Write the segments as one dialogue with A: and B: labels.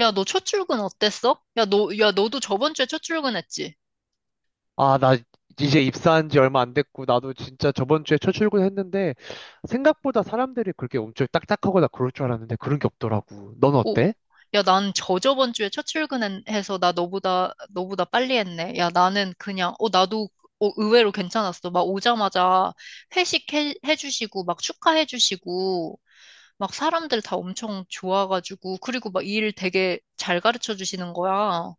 A: 야, 너 첫 출근 어땠어? 야, 너도 저번 주에 첫 출근했지?
B: 아, 나 이제 입사한 지 얼마 안 됐고, 나도 진짜 저번 주에 첫 출근했는데, 생각보다 사람들이 그렇게 엄청 딱딱하거나 그럴 줄 알았는데, 그런 게 없더라고. 넌
A: 오,
B: 어때?
A: 야, 난 저저번 주에 첫 출근해서 나 너보다 빨리 했네. 야, 나는 그냥, 나도 의외로 괜찮았어. 막 오자마자 회식 해주시고, 막 축하해주시고, 막 사람들 다 엄청 좋아가지고, 그리고 막 일 되게 잘 가르쳐 주시는 거야.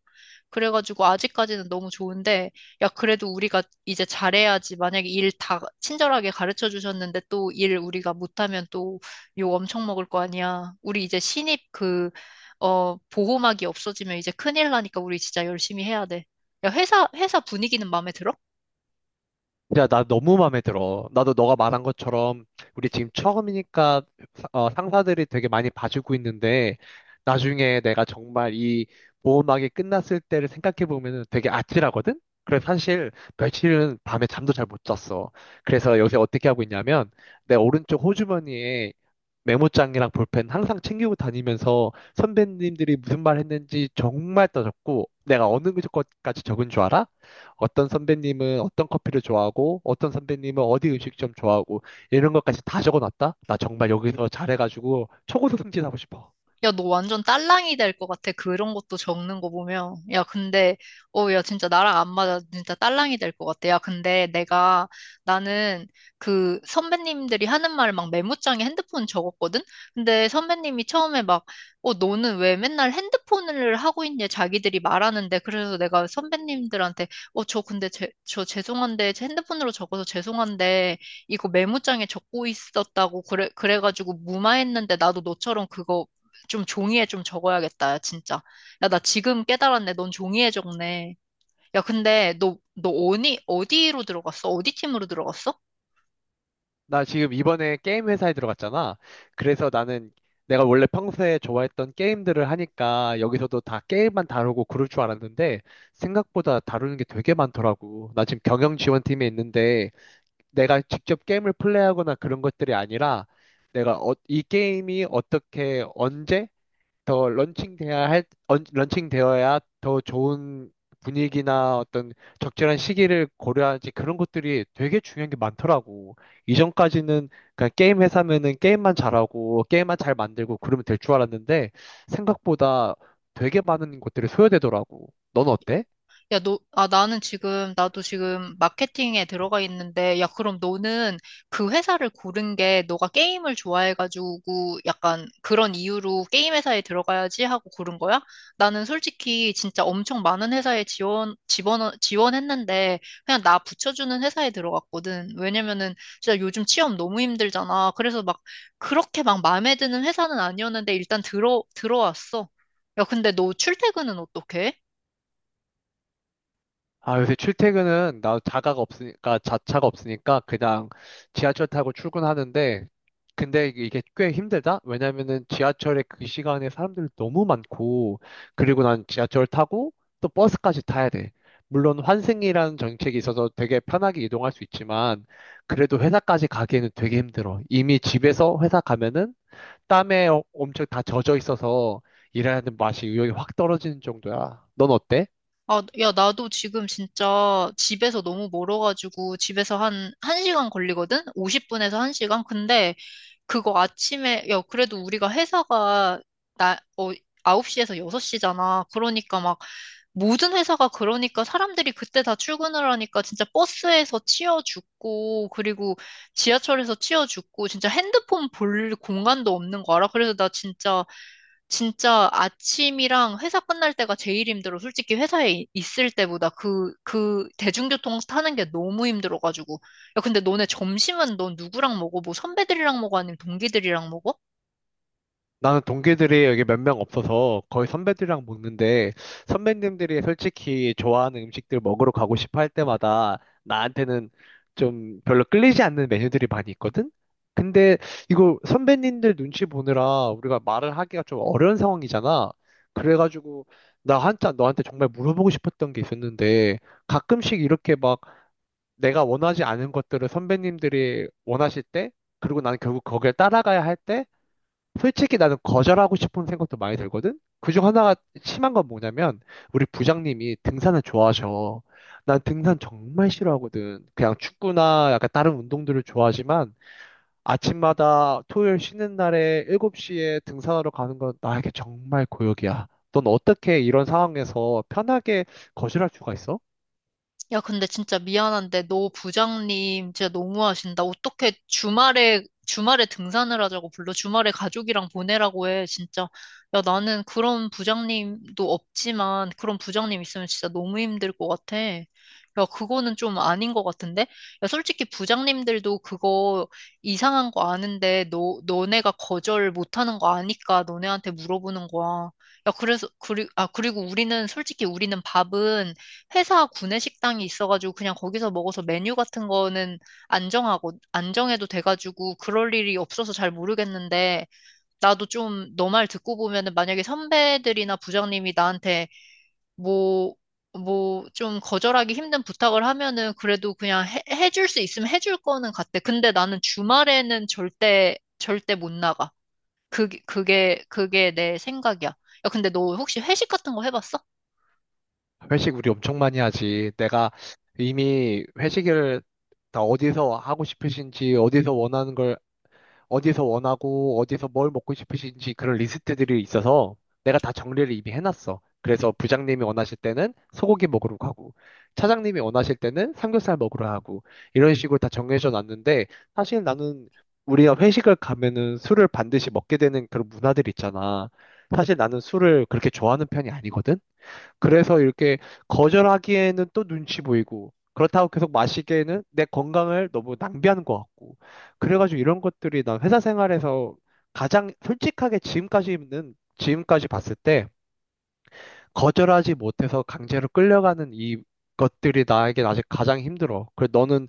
A: 그래가지고 아직까지는 너무 좋은데, 야, 그래도 우리가 이제 잘해야지. 만약에 일 다 친절하게 가르쳐 주셨는데 또 일 우리가 못하면 또 욕 엄청 먹을 거 아니야. 우리 이제 신입 보호막이 없어지면 이제 큰일 나니까 우리 진짜 열심히 해야 돼. 야, 회사, 회사 분위기는 마음에 들어?
B: 야, 나 너무 마음에 들어. 나도 너가 말한 것처럼, 우리 지금 처음이니까 상사들이 되게 많이 봐주고 있는데, 나중에 내가 정말 이 보험하게 끝났을 때를 생각해 보면 되게 아찔하거든? 그래서 사실 며칠은 밤에 잠도 잘 못 잤어. 그래서 요새 어떻게 하고 있냐면, 내 오른쪽 호주머니에 메모장이랑 볼펜 항상 챙기고 다니면서 선배님들이 무슨 말 했는지 정말 따졌고 내가 어느 것까지 적은 줄 알아? 어떤 선배님은 어떤 커피를 좋아하고 어떤 선배님은 어디 음식점 좋아하고 이런 것까지 다 적어놨다? 나 정말 여기서 잘해가지고 초고속 승진하고 싶어.
A: 야, 너 완전 딸랑이 될 것 같아. 그런 것도 적는 거 보면. 야, 근데, 야, 진짜 나랑 안 맞아. 진짜 딸랑이 될 것 같아. 야, 근데 나는 그 선배님들이 하는 말 막 메모장에 핸드폰 적었거든? 근데 선배님이 처음에 막, 어, 너는 왜 맨날 핸드폰을 하고 있냐? 자기들이 말하는데. 그래서 내가 선배님들한테, 어, 저 근데 저 죄송한데, 제 핸드폰으로 적어서 죄송한데, 이거 메모장에 적고 있었다고 그래가지고 무마했는데 나도 너처럼 그거 좀 종이에 좀 적어야겠다, 야, 진짜. 야, 나 지금 깨달았네. 넌 종이에 적네. 야, 근데 너 어디로 들어갔어? 어디 팀으로 들어갔어?
B: 나 지금 이번에 게임 회사에 들어갔잖아. 그래서 나는 내가 원래 평소에 좋아했던 게임들을 하니까 여기서도 다 게임만 다루고 그럴 줄 알았는데 생각보다 다루는 게 되게 많더라고. 나 지금 경영 지원팀에 있는데 내가 직접 게임을 플레이하거나 그런 것들이 아니라 내가 이 게임이 어떻게 언제 더 런칭돼야 할, 런칭되어야 더 좋은 분위기나 어떤 적절한 시기를 고려하지 는 그런 것들이 되게 중요한 게 많더라고. 이전까지는 그냥 게임 회사면은 게임만 잘하고 게임만 잘 만들고 그러면 될 줄 알았는데 생각보다 되게 많은 것들이 소요되더라고. 넌 어때?
A: 야, 나도 지금 마케팅에 들어가 있는데, 야, 그럼 너는 그 회사를 고른 게 너가 게임을 좋아해가지고 약간 그런 이유로 게임 회사에 들어가야지 하고 고른 거야? 나는 솔직히 진짜 엄청 많은 회사에 지원했는데, 그냥 나 붙여주는 회사에 들어갔거든. 왜냐면은 진짜 요즘 취업 너무 힘들잖아. 그래서 막 그렇게 막 마음에 드는 회사는 아니었는데, 일단 들어왔어. 야, 근데 너 출퇴근은 어떻게 해?
B: 아, 요새 출퇴근은 나 자가가 없으니까, 자차가 없으니까 그냥 지하철 타고 출근하는데, 근데 이게 꽤 힘들다? 왜냐면은 지하철에 그 시간에 사람들 이 너무 많고, 그리고 난 지하철 타고 또 버스까지 타야 돼. 물론 환승이라는 정책이 있어서 되게 편하게 이동할 수 있지만, 그래도 회사까지 가기에는 되게 힘들어. 이미 집에서 회사 가면은 땀에 엄청 다 젖어 있어서 일하는 맛이 의욕이 확 떨어지는 정도야. 넌 어때?
A: 아, 야, 나도 지금 진짜 집에서 너무 멀어가지고 집에서 한시간 걸리거든? 50분에서 한 시간 근데 그거 아침에, 야, 그래도 우리가 회사가 나, 어, 9시에서 6시잖아. 그러니까 막 모든 회사가 그러니까 사람들이 그때 다 출근을 하니까 진짜 버스에서 치여 죽고 그리고 지하철에서 치여 죽고 진짜 핸드폰 볼 공간도 없는 거 알아? 그래서 나 진짜 진짜 아침이랑 회사 끝날 때가 제일 힘들어. 솔직히 회사에 있을 때보다 그 대중교통 타는 게 너무 힘들어가지고. 야, 근데 너네 점심은 넌 누구랑 먹어? 뭐 선배들이랑 먹어? 아니면 동기들이랑 먹어?
B: 나는 동기들이 여기 몇 명 없어서 거의 선배들이랑 먹는데 선배님들이 솔직히 좋아하는 음식들 먹으러 가고 싶어 할 때마다 나한테는 좀 별로 끌리지 않는 메뉴들이 많이 있거든? 근데 이거 선배님들 눈치 보느라 우리가 말을 하기가 좀 어려운 상황이잖아. 그래가지고 나 한참 너한테 정말 물어보고 싶었던 게 있었는데 가끔씩 이렇게 막 내가 원하지 않은 것들을 선배님들이 원하실 때 그리고 나는 결국 거기에 따라가야 할때 솔직히 나는 거절하고 싶은 생각도 많이 들거든? 그 중 하나가 심한 건 뭐냐면, 우리 부장님이 등산을 좋아하셔. 난 등산 정말 싫어하거든. 그냥 축구나 약간 다른 운동들을 좋아하지만, 아침마다 토요일 쉬는 날에 7시에 등산하러 가는 건 나에게 정말 고역이야. 넌 어떻게 이런 상황에서 편하게 거절할 수가 있어?
A: 야, 근데 진짜 미안한데, 너 부장님 진짜 너무하신다. 어떻게 주말에, 주말에 등산을 하자고 불러? 주말에 가족이랑 보내라고 해, 진짜. 야, 나는 그런 부장님도 없지만, 그런 부장님 있으면 진짜 너무 힘들 것 같아. 야, 그거는 좀 아닌 것 같은데? 야, 솔직히 부장님들도 그거 이상한 거 아는데, 너네가 거절 못하는 거 아니까 너네한테 물어보는 거야. 야, 그리고 솔직히 우리는 밥은 회사 구내 식당이 있어가지고 그냥 거기서 먹어서 메뉴 같은 거는 안정하고 안정해도 돼가지고 그럴 일이 없어서 잘 모르겠는데 나도 좀 너 말 듣고 보면은 만약에 선배들이나 부장님이 나한테 뭐 뭐 좀 거절하기 힘든 부탁을 하면은 그래도 그냥 해줄 수 있으면 해줄 거는 같아. 근데 나는 주말에는 절대 절대 못 나가. 그게 내 생각이야. 야, 근데 너 혹시 회식 같은 거 해봤어?
B: 회식 우리 엄청 많이 하지. 내가 이미 회식을 다 어디서 하고 싶으신지, 어디서 원하는 걸 어디서 원하고 어디서 뭘 먹고 싶으신지 그런 리스트들이 있어서 내가 다 정리를 이미 해놨어. 그래서 부장님이 원하실 때는 소고기 먹으러 가고 차장님이 원하실 때는 삼겹살 먹으러 하고 이런 식으로 다 정해져 놨는데 사실 나는 우리가 회식을 가면은 술을 반드시 먹게 되는 그런 문화들 있잖아. 사실 나는 술을 그렇게 좋아하는 편이 아니거든. 그래서 이렇게 거절하기에는 또 눈치 보이고, 그렇다고 계속 마시기에는 내 건강을 너무 낭비하는 것 같고. 그래가지고 이런 것들이 난 회사 생활에서 가장 솔직하게 지금까지는, 지금까지 봤을 때, 거절하지 못해서 강제로 끌려가는 이 것들이 나에게 아직 가장 힘들어. 그래, 너는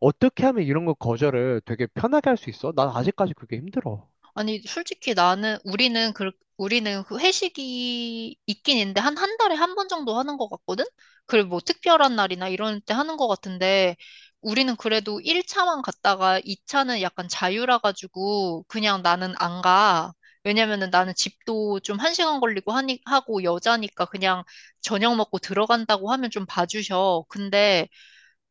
B: 어떻게 하면 이런 거 거절을 되게 편하게 할 수 있어? 난 아직까지 그게 힘들어.
A: 아니, 솔직히 우리는 그 회식이 있긴 있는데, 한, 한 달에 한 번 정도 하는 것 같거든? 그리고 뭐 특별한 날이나 이런 때 하는 것 같은데, 우리는 그래도 1차만 갔다가 2차는 약간 자유라가지고, 그냥 나는 안 가. 왜냐면은 나는 집도 좀 한 시간 걸리고 하고 여자니까 그냥 저녁 먹고 들어간다고 하면 좀 봐주셔. 근데,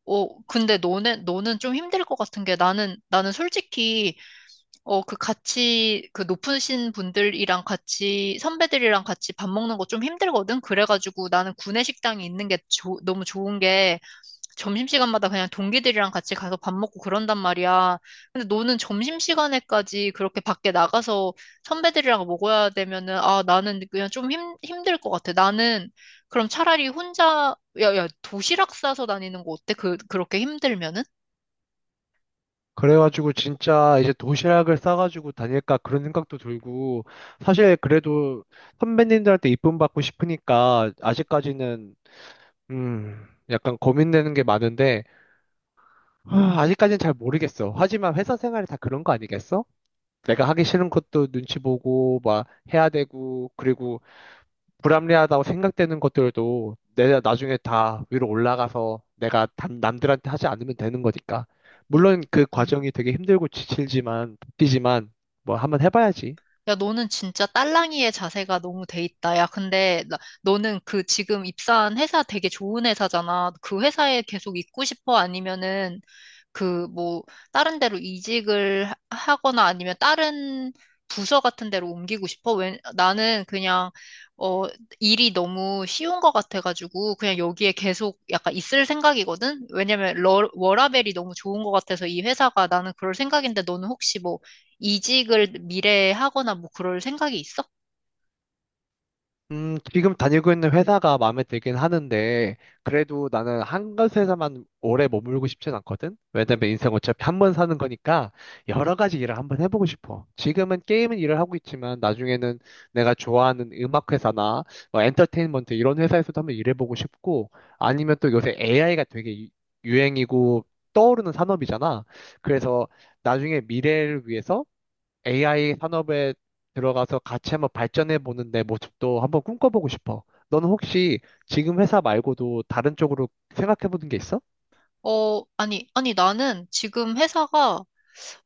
A: 근데 너는 좀 힘들 것 같은 게 나는 솔직히 그 높으신 분들이랑 같이, 선배들이랑 같이 밥 먹는 거 좀 힘들거든? 그래가지고 나는 구내식당이 있는 게 너무 좋은 게 점심시간마다 그냥 동기들이랑 같이 가서 밥 먹고 그런단 말이야. 근데 너는 점심시간에까지 그렇게 밖에 나가서 선배들이랑 먹어야 되면은, 아, 나는 그냥 좀 힘들 것 같아. 나는 그럼 차라리 혼자, 야, 도시락 싸서 다니는 거 어때? 그렇게 힘들면은?
B: 그래가지고 진짜 이제 도시락을 싸가지고 다닐까 그런 생각도 들고 사실 그래도 선배님들한테 이쁨 받고 싶으니까 아직까지는 음 약간 고민되는 게 많은데 아, 아직까지는 잘 모르겠어. 하지만 회사 생활이 다 그런 거 아니겠어? 내가 하기 싫은 것도 눈치 보고 막 해야 되고 그리고 불합리하다고 생각되는 것들도 내가 나중에 다 위로 올라가서 내가 남들한테 하지 않으면 되는 거니까.
A: 예.
B: 물론 그
A: 음.
B: 과정이 되게 힘들고 지칠지만 지만 뭐 한번 해봐야지.
A: 야, 너는 진짜 딸랑이의 자세가 너무 돼 있다. 야, 근데 너는 그 지금 입사한 회사 되게 좋은 회사잖아. 그 회사에 계속 있고 싶어? 아니면은 그 뭐 다른 데로 이직을 하거나 아니면 다른 부서 같은 데로 옮기고 싶어? 왜, 나는 그냥 어 일이 너무 쉬운 것 같아가지고 그냥 여기에 계속 약간 있을 생각이거든? 왜냐면 워라밸이 너무 좋은 것 같아서 이 회사가 나는 그럴 생각인데 너는 혹시 뭐 이직을 미래에 하거나 뭐 그럴 생각이 있어?
B: 지금 다니고 있는 회사가 마음에 들긴 하는데, 그래도 나는 한 가지 회사만 오래 머물고 싶진 않거든? 왜냐면 인생 어차피 한 번 사는 거니까, 여러 가지 일을 한번 해보고 싶어. 지금은 게임은 일을 하고 있지만, 나중에는 내가 좋아하는 음악 회사나, 뭐 엔터테인먼트 이런 회사에서도 한번 일해보고 싶고, 아니면 또 요새 AI가 되게 유행이고, 떠오르는 산업이잖아. 그래서 나중에 미래를 위해서 AI 산업에 들어가서 같이 한번 발전해 보는 내 모습도 한번 꿈꿔보고 싶어. 너는 혹시 지금 회사 말고도 다른 쪽으로 생각해 보는 게 있어?
A: 아니, 아니, 나는 지금 회사가,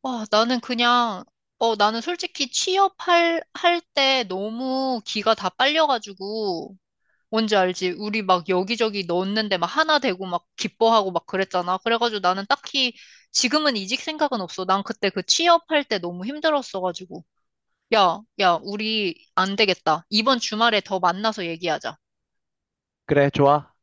A: 와, 나는 그냥, 나는 솔직히 할 때 너무 기가 다 빨려가지고, 뭔지 알지? 우리 막 여기저기 넣었는데 막 하나 되고 막 기뻐하고 막 그랬잖아. 그래가지고 나는 딱히 지금은 이직 생각은 없어. 난 그때 그 취업할 때 너무 힘들었어가지고. 야, 야, 우리 안 되겠다. 이번 주말에 더 만나서 얘기하자.
B: 그래, 좋아.